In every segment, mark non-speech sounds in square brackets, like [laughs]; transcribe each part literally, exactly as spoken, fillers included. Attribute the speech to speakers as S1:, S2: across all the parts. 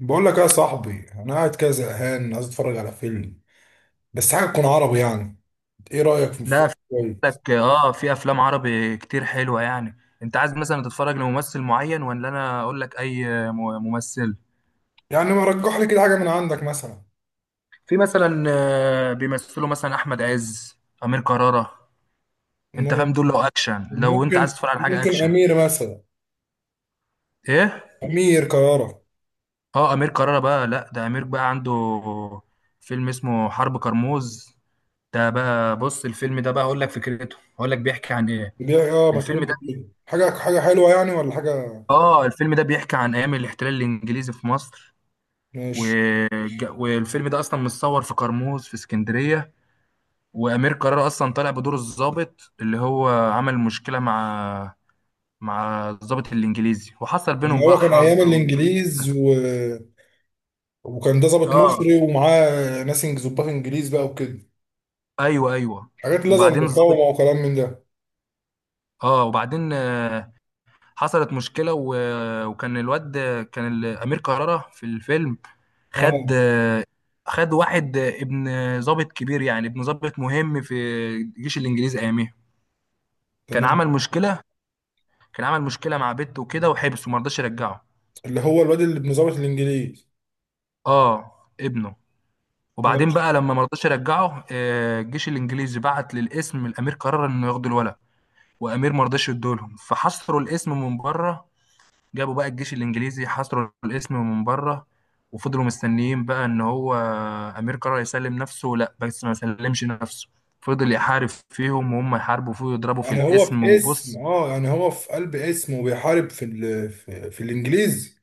S1: بقول لك ايه يا صاحبي؟ انا قاعد كده زهقان، عايز اتفرج على فيلم، بس حاجه تكون عربي يعني. ايه رايك في
S2: لا،
S1: فيلم
S2: في
S1: كويس؟
S2: لك، اه في افلام عربي كتير حلوه، يعني. انت عايز مثلا تتفرج لممثل معين، ولا انا اقول لك اي م- ممثل؟
S1: يعني ما رجح لي كده حاجه من عندك مثلا؟
S2: في مثلا، آه، بيمثلوا مثلا احمد عز، امير كرارة. انت
S1: ممكن
S2: فاهم دول؟ لو اكشن، لو انت عايز
S1: ممكن
S2: تتفرج على حاجه
S1: ممكن
S2: اكشن.
S1: امير مثلا.
S2: ايه.
S1: امير كرارة.
S2: اه، امير كرارة بقى، لا ده امير بقى عنده فيلم اسمه حرب كرموز. ده بقى، بص، الفيلم ده بقى اقول لك فكرته، اقول لك بيحكي عن ايه.
S1: بيع اه ما
S2: الفيلم
S1: تقول
S2: ده
S1: لي
S2: بي-
S1: كده. حاجه حاجه حلوه يعني ولا حاجه؟
S2: اه، الفيلم ده بيحكي عن ايام الاحتلال الانجليزي في مصر.
S1: ماشي.
S2: وج- والفيلم ده اصلا متصور في قرموز في اسكندريه. وامير قرار اصلا طالع بدور الضابط، اللي هو عمل مشكله مع مع الضابط الانجليزي، وحصل بينهم
S1: يعني هو
S2: بقى
S1: كان ايام
S2: حرب. و...
S1: الانجليز و... وكان ده ضابط
S2: اه.
S1: مصري، ومعاه ناس إنج- ظباط انجليز بقى وكده،
S2: ايوه، ايوه.
S1: حاجات اللي زي
S2: وبعدين
S1: المقاومه
S2: الضابط،
S1: وكلام من ده.
S2: اه وبعدين، آه، حصلت مشكله. و... وكان الواد، كان ال- امير كرارة في الفيلم، خد
S1: اه،
S2: خد واحد، ابن ضابط كبير، يعني ابن ضابط مهم في الجيش الانجليزي اياميها. كان
S1: تمام.
S2: عمل مشكله كان عمل مشكله مع بنته وكده، وحبسه، ما رضاش يرجعه.
S1: اللي هو الواد اللي ابن ظابط الانجليز.
S2: اه، ابنه. وبعدين
S1: ماشي.
S2: بقى، لما ما رضاش يرجعه، آه، الجيش الانجليزي بعت للاسم، الامير قرر انه ياخدوا الولد. وامير ما رضاش يدولهم، فحصروا الاسم من بره. جابوا بقى الجيش الانجليزي حصروا الاسم من بره، وفضلوا مستنيين بقى ان هو امير قرر يسلم نفسه، لا، بس ما سلمش نفسه. فضل يحارب فيهم، وهم يحاربوا فيه ويضربوا في
S1: يعني هو
S2: الاسم.
S1: في اسم،
S2: وبص.
S1: اه يعني هو في قلب اسم، وبيحارب في ال... في, في الانجليزي.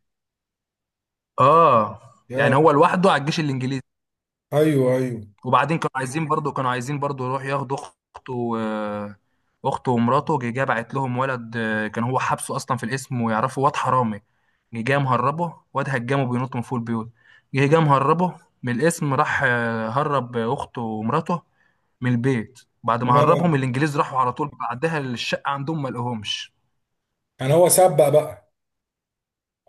S2: اه.
S1: يا
S2: يعني هو لوحده على الجيش الانجليزي.
S1: ايوه، ايوه.
S2: وبعدين كانوا عايزين برضو، كانوا عايزين برضو يروح ياخدوا اخته، آه، اخته ومراته. جه جه بعت لهم ولد، آه، كان هو حابسه اصلا في الاسم ويعرفه، واد حرامي. جه جه مهربه، واد هجمه بينط من فوق البيوت. جه جه مهربه من الاسم. راح آه، هرب اخته ومراته من البيت، بعد ما هربهم
S1: تمام.
S2: الانجليز. راحوا على طول بعدها للشقه عندهم، ما لقوهمش.
S1: يعني هو سبق بقى،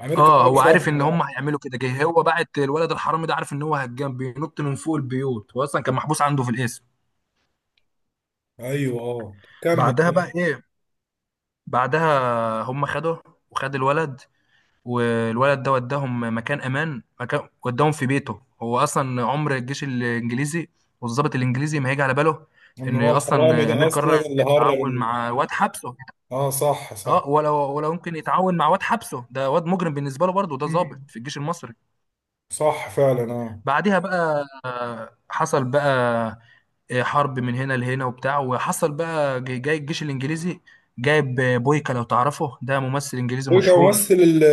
S1: امير
S2: اه،
S1: كرارة
S2: هو
S1: سبق
S2: عارف ان
S1: بقى.
S2: هم هيعملوا كده. جه هو بعت الولد الحرامي ده، عارف ان هو هجام بينط من فوق البيوت، هو اصلا كان محبوس عنده في الاسم.
S1: ايوه، اه، كمل.
S2: بعدها بقى ايه؟ بعدها هم خدوه، وخد الولد، والولد ده وداهم مكان امان، مكان وداهم في بيته هو اصلا. عمر الجيش الانجليزي والضابط الانجليزي ما هيجي على باله
S1: ان
S2: ان
S1: هو الحرامي
S2: اصلا
S1: ده
S2: امير
S1: اصلا
S2: قرر
S1: اللي هرب
S2: يتعاون
S1: ال...
S2: مع واد حبسه.
S1: اه، صح صح.
S2: اه. ولا ولا ممكن يتعاون مع واد حبسه، ده واد مجرم بالنسبه له، برضه ده ضابط
S1: مم.
S2: في الجيش المصري.
S1: صح فعلا، اه.
S2: بعديها بقى، آه، حصل بقى، آه، حرب من هنا لهنا وبتاع. وحصل بقى جاي جاي الجيش الانجليزي جايب بويكا، لو تعرفه، ده ممثل انجليزي
S1: هو كان
S2: مشهور.
S1: ممثل ال-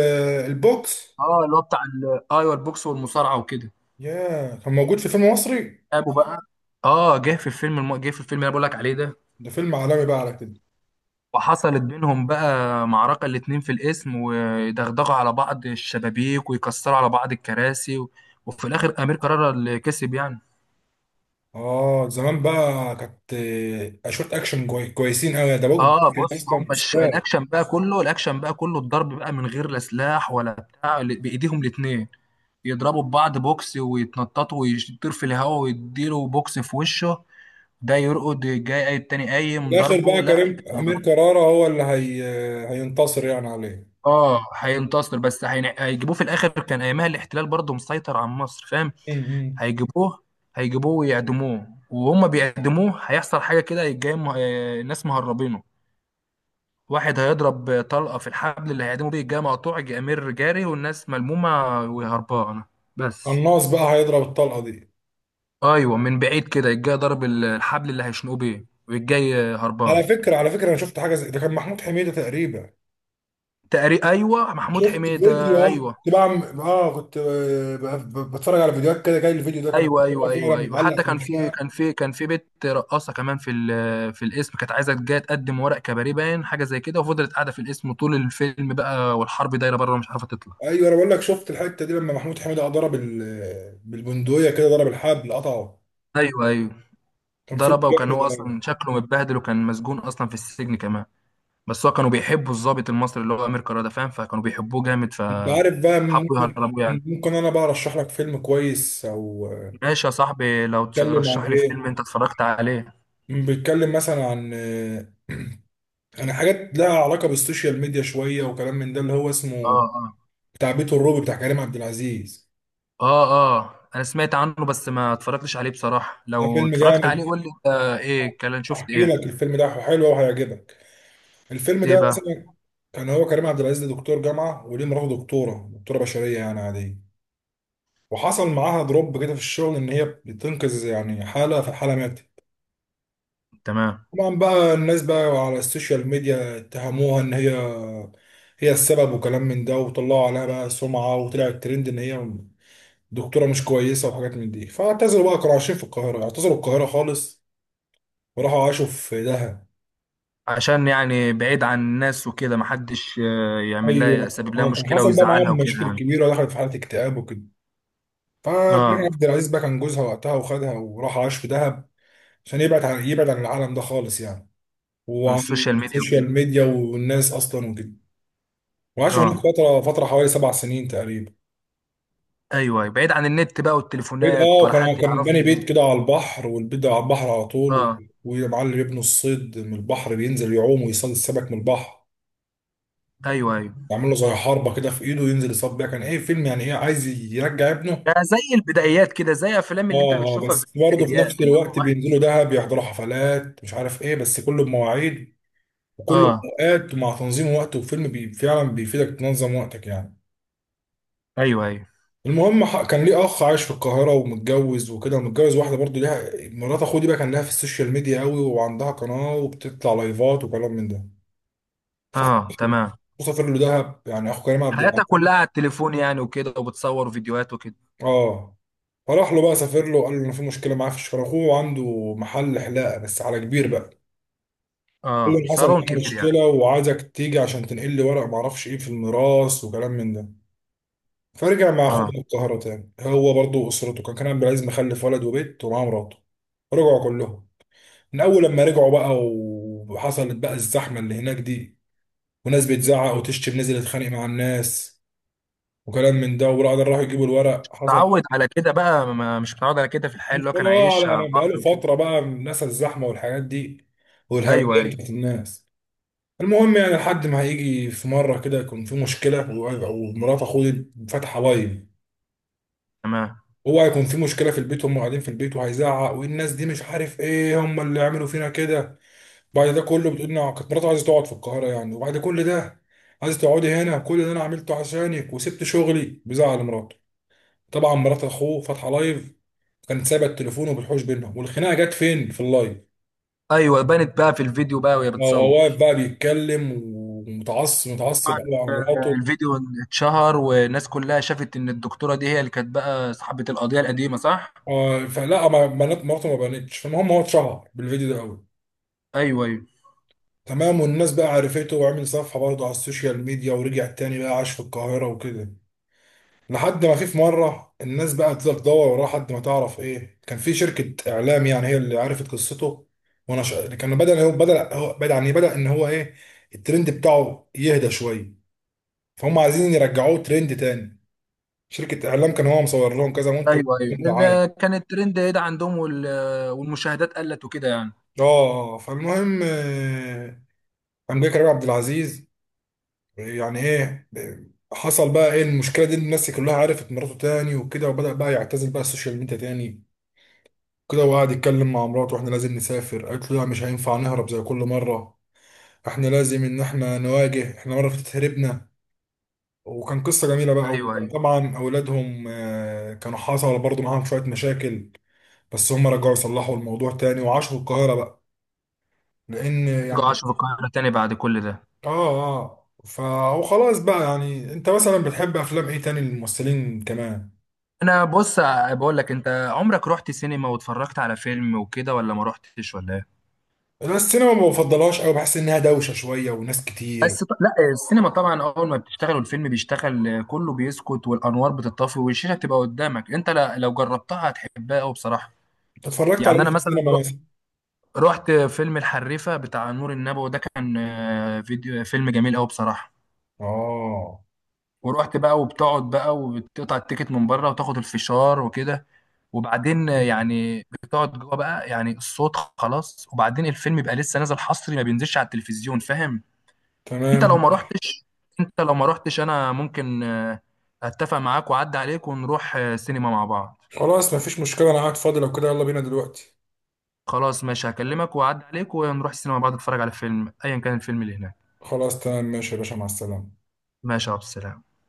S1: البوكس.
S2: اه، اللي هو بتاع ال- ايوه، البوكس والمصارعه وكده.
S1: يا، كان موجود في فيلم مصري؟
S2: ابو بقى، اه، جه في الفيلم الم... جه في الفيلم اللي انا بقول لك عليه ده.
S1: ده فيلم عالمي بقى على كده.
S2: وحصلت بينهم بقى معركه، الاتنين في الاسم، ويدغدغوا على بعض الشبابيك، ويكسروا على بعض الكراسي. و... وفي الاخر امير قرر اللي كسب، يعني.
S1: اه، زمان بقى كانت آه، اشوت اكشن كوي- كويسين قوي ده بوجد.
S2: اه، بص، هم
S1: اصلا
S2: الش...
S1: استاذ.
S2: الاكشن بقى كله الاكشن بقى كله الضرب بقى، من غير لا سلاح ولا بتاع، ال- بايديهم الاتنين. يضربوا ببعض بوكس ويتنططوا، ويطير في الهواء ويديله بوكس في وشه، ده يرقد، جاي قايم، التاني
S1: في
S2: قايم،
S1: الاخر
S2: ضربه،
S1: بقى
S2: لا.
S1: كريم امير كرارة هو اللي هي هينتصر يعني عليه؟
S2: اه، هينتصر، بس هين- هيجيبوه في الاخر، كان ايامها الاحتلال برضه مسيطر على مصر، فاهم.
S1: امم
S2: هيجيبوه هيجيبوه ويعدموه، وهم بيعدموه هيحصل حاجه كده، جاي م... آه، الناس مهربينه. واحد هيضرب طلقه في الحبل اللي هيعدموا بيه، جاي مقطوع، جاي امير جاري، والناس ملمومه وهربانه، بس.
S1: قناص بقى هيضرب الطلقه دي؟
S2: ايوه، من بعيد كده الجاي ضرب ال- الحبل اللي هيشنقوه بيه، والجاي
S1: على
S2: هربان.
S1: فكره، على فكره، انا شفت حاجه زي ده، كان محمود حميده تقريبا.
S2: تقريبا، ايوه، محمود
S1: شفت فيديو.
S2: حميده،
S1: اه.
S2: ايوه.
S1: كنت بعمل اه كنت آه، ب- ب- بتفرج على فيديوهات كده، جاي الفيديو ده كان.
S2: ايوه،
S1: هو
S2: ايوه،
S1: فعلا
S2: ايوه، ايوه.
S1: متعلق
S2: وحتى
S1: في
S2: كان في
S1: المشنقه.
S2: كان في كان في بنت رقاصه كمان في ال- في الاسم، كانت عايزه، جايه تقدم ورق كباريه، باين حاجه زي كده، وفضلت قاعده في الاسم طول الفيلم بقى، والحرب دايره بره، ومش عارفه تطلع.
S1: ايوه. انا بقول لك، شفت الحته دي لما محمود حميده ضرب ال- بالبندقيه كده، ضرب الحبل قطعه.
S2: ايوه، ايوه.
S1: كان فيلم
S2: ضربه. وكان هو
S1: جامد.
S2: اصلا شكله متبهدل، وكان مسجون اصلا في السجن كمان. بس هو كانوا بيحبوا الضابط المصري اللي هو امير كرارة ده، فاهم، فكانوا بيحبوه جامد،
S1: انت عارف بقى؟
S2: فحبوا
S1: ممكن
S2: يهربوه يعني.
S1: ممكن انا بقى ارشح لك فيلم كويس او...
S2: ماشي يا صاحبي، لو
S1: بيتكلم عن
S2: ترشح لي
S1: ايه؟
S2: فيلم انت اتفرجت عليه.
S1: بيتكلم مثلا عن عن حاجات لها علاقه بالسوشيال ميديا شويه وكلام من ده، اللي هو
S2: اه.
S1: اسمه
S2: اه.
S1: بتاع بيت الروبي بتاع كريم عبد العزيز.
S2: اه. اه، انا سمعت عنه، بس ما اتفرجتش عليه بصراحة.
S1: ده
S2: لو
S1: فيلم
S2: اتفرجت عليه
S1: جامد.
S2: قول لي انت، ايه كان، شفت
S1: احكي
S2: ايه؟
S1: لك، الفيلم ده حلو وهيعجبك. الفيلم
S2: ايه
S1: ده
S2: بقى؟
S1: مثلا كان هو كريم عبد العزيز ده دكتور جامعه، وليه مراته دكتوره دكتوره بشريه يعني عاديه. وحصل معاها دروب كده في الشغل، ان هي بتنقذ يعني حاله، فالحاله ماتت.
S2: تمام.
S1: طبعا بقى الناس بقى على السوشيال ميديا اتهموها ان هي هي السبب وكلام من ده، وطلعوا عليها بقى سمعة، وطلع الترند ان هي دكتورة مش كويسة وحاجات من دي. فاعتزلوا بقى، كانوا عايشين في القاهرة، اعتزلوا القاهرة خالص وراحوا عاشوا في دهب.
S2: عشان يعني بعيد عن الناس وكده، محدش آه، يعمل لها
S1: ايوه.
S2: يسبب لها
S1: آه، كان
S2: مشكلة
S1: حصل بقى
S2: ويزعلها
S1: معاهم
S2: وكده،
S1: مشاكل
S2: يعني.
S1: كبيرة، دخلت في حالة اكتئاب وكده، فكريم
S2: اه،
S1: عبد العزيز بقى كان جوزها وقتها، وخدها وراح عاش في دهب عشان يبعد عن يبعد عن العالم ده خالص يعني،
S2: في
S1: وعن
S2: السوشيال ميديا وكده.
S1: السوشيال ميديا والناس اصلا وكده. وعاشوا هناك
S2: اه،
S1: فترة، فترة حوالي سبع سنين تقريبا.
S2: ايوه، أيوة. بعيد عن النت بقى،
S1: بيت
S2: والتليفونات،
S1: اه
S2: ولا
S1: كان
S2: حد
S1: كان باني
S2: يعرفني.
S1: بيت كده على البحر، والبيت ده على البحر على طول و-
S2: اه.
S1: ويا معلم يبنوا الصيد من البحر، بينزل يعوم ويصيد السمك من البحر،
S2: ايوه، ايوه.
S1: يعمل له زي حربه كده في ايده، ينزل يصطاد بيها. كان ايه فيلم يعني، ايه عايز يرجع ابنه.
S2: يعني زي البدايات كده، زي افلام اللي انت
S1: اه، اه،
S2: بتشوفها في،
S1: بس
S2: زي
S1: برضه في نفس
S2: البدايات، اللي هو
S1: الوقت
S2: واحد.
S1: بينزلوا دهب يحضروا حفلات مش عارف ايه، بس كله بمواعيد وكله
S2: اه.
S1: بأوقات ومع تنظيم وقت، وفيلم بي فعلا بيفيدك تنظم وقتك يعني.
S2: ايوه، ايوه.
S1: المهم ح- كان ليه اخ عايش في القاهره ومتجوز وكده، ومتجوز واحده برضو، ليها مرات اخوه دي بقى، كان لها في السوشيال ميديا قوي وعندها قناه وبتطلع لايفات وكلام من ده. فاخوه
S2: اه، تمام.
S1: سافر له دهب يعني، اخو كريم عبد
S2: حياتها
S1: العزيز.
S2: كلها على التليفون يعني، وكده، وبتصور فيديوهات وكده.
S1: اه. فراح له بقى سافر له وقال له ان في مشكله معاه في الشغل، اخوه عنده محل حلاقه بس على كبير بقى. قال له
S2: اه،
S1: إن حصل
S2: صالون
S1: معايا
S2: كبير يعني.
S1: مشكله وعايزك تيجي عشان تنقل لي ورق معرفش ايه في الميراث وكلام من ده. فرجع مع اخوه
S2: اه.
S1: القاهره تاني، هو برضو اسرته، كان كريم عبد العزيز مخلف ولد وبيت ومعاه مراته، رجعوا كلهم. من اول لما رجعوا بقى و- وحصلت بقى الزحمه اللي هناك دي، وناس بتزعق وتشتم، نزل يتخانق مع الناس وكلام من ده. وبعد راحوا يجيبوا الورق حصل
S2: تعود
S1: [laughs]
S2: على كده بقى، ما مش متعود على كده، في الحياة
S1: انا مش
S2: اللي هو
S1: فاهم
S2: كان
S1: بقى
S2: عايشها على
S1: يعني بقاله
S2: البحر وكده.
S1: فتره بقى الناس الزحمه والحاجات دي
S2: ايوه،
S1: والهمجيه
S2: ايوه.
S1: بتاعت الناس. المهم يعني لحد ما هيجي في مره كده يكون في مشكله و- ومرات اخوه فاتحه لايف.
S2: تمام.
S1: هو هيكون في مشكله في البيت، هم قاعدين في البيت وهيزعق، والناس دي مش عارف ايه هم اللي عملوا فينا كده. بعد ده كله بتقول إن كانت مراته عايزة تقعد في القاهرة يعني، وبعد كل ده عايزة تقعدي هنا، كل ده أنا عملته عشانك وسبت شغلي. بزعل مراته. طبعا مرات أخوه فاتحة لايف، كانت سايبة التليفون وبتحوش بينهم، والخناقة جت فين؟ في اللايف.
S2: ايوه، بانت بقى في الفيديو بقى وهي
S1: هو واقف
S2: بتصور.
S1: بقى بيتكلم ومتعصب، متعصب
S2: طبعاً.
S1: قوي على مراته.
S2: الفيديو اتشهر، والناس كلها شافت ان الدكتورة دي هي اللي كانت بقى صاحبة القضية القديمة، صح؟
S1: آه، فلا ما بنات مراته ما بانتش، فالمهم هو اتشهر بالفيديو ده قوي.
S2: ايوه، ايوه.
S1: تمام. والناس بقى عرفته، وعمل صفحة برضه على السوشيال ميديا ورجع تاني بقى عاش في القاهرة وكده. لحد ما في في مره الناس بقى تفضل تدور وراه لحد ما تعرف ايه، كان في شركه اعلام يعني هي اللي عرفت قصته. وانا ش... كان بدا هو بدا هو بدا يعني بدا ان هو ايه، الترند بتاعه يهدى شويه، فهم عايزين يرجعوه ترند تاني. شركه اعلام كان هو مصور لهم كذا منتج
S2: ايوه، ايوه،
S1: وعاملين
S2: ال-
S1: دعايه.
S2: كان الترند ده عندهم، وال- والمشاهدات قلت وكده، يعني.
S1: اه آه، فالمهم آه، قام جاي كريم عبد العزيز يعني ايه، حصل بقى ايه المشكله دي؟ الناس كلها عرفت مراته تاني وكده، وبدا بقى يعتزل بقى السوشيال ميديا تاني كده، وقعد يتكلم مع مراته، واحنا لازم نسافر. قالت له لا، مش هينفع نهرب زي كل مرة، احنا لازم ان احنا نواجه، احنا مرة فاتت هربنا. وكان قصة جميلة بقى.
S2: ايوه، ايوه.
S1: وطبعا اولادهم آه، كانوا حصل برضه معاهم شوية مشاكل، بس هم رجعوا يصلحوا الموضوع تاني وعاشوا في القاهرة بقى، لان
S2: رجعوا
S1: يعني...
S2: عاشوا في القاهرة تاني بعد كل ده.
S1: اه اه. فهو خلاص بقى يعني، انت مثلا بتحب افلام ايه تاني للممثلين كمان؟
S2: انا بص، بقول لك، انت عمرك رحت سينما واتفرجت على فيلم وكده، ولا ما رحتش، ولا ايه؟
S1: انا السينما ما بفضلهاش قوي، بحس انها دوشة شوية وناس كتير.
S2: بس ط... لا، السينما طبعا اول ما بتشتغل، والفيلم بيشتغل، آه، كله بيسكت، والانوار بتطفي، والشاشه بتبقى قدامك انت. لا... لو جربتها هتحبها قوي، بصراحه.
S1: انت اتفرجت على
S2: يعني
S1: ايه
S2: انا
S1: في
S2: مثلا
S1: السينما
S2: رحت،
S1: مثلا؟
S2: رحت فيلم الحريفه بتاع نور النبوي ده، كان آه، فيديو، فيلم جميل قوي بصراحه.
S1: اه،
S2: ورحت بقى، وبتقعد بقى، وبتقطع التيكت من بره، وتاخد الفشار وكده. وبعدين يعني بتقعد جوه بقى، يعني الصوت خلاص، وبعدين الفيلم يبقى لسه نازل حصري، ما بينزلش على التلفزيون، فاهم. انت لو
S1: تمام.
S2: ما رحتش، انت لو ما رحتش انا ممكن آه، اتفق معاك واعدي عليك ونروح، آه، سينما مع بعض.
S1: خلاص، مفيش مشكلة، أنا قاعد فاضي، لو كده يلا بينا دلوقتي.
S2: خلاص ماشي، هكلمك واعدي عليك ونروح السينما مع بعض، نتفرج على فيلم، ايا كان الفيلم اللي هناك.
S1: خلاص تمام، ماشي يا باشا، مع السلامة.
S2: ماشي يا عبد السلام.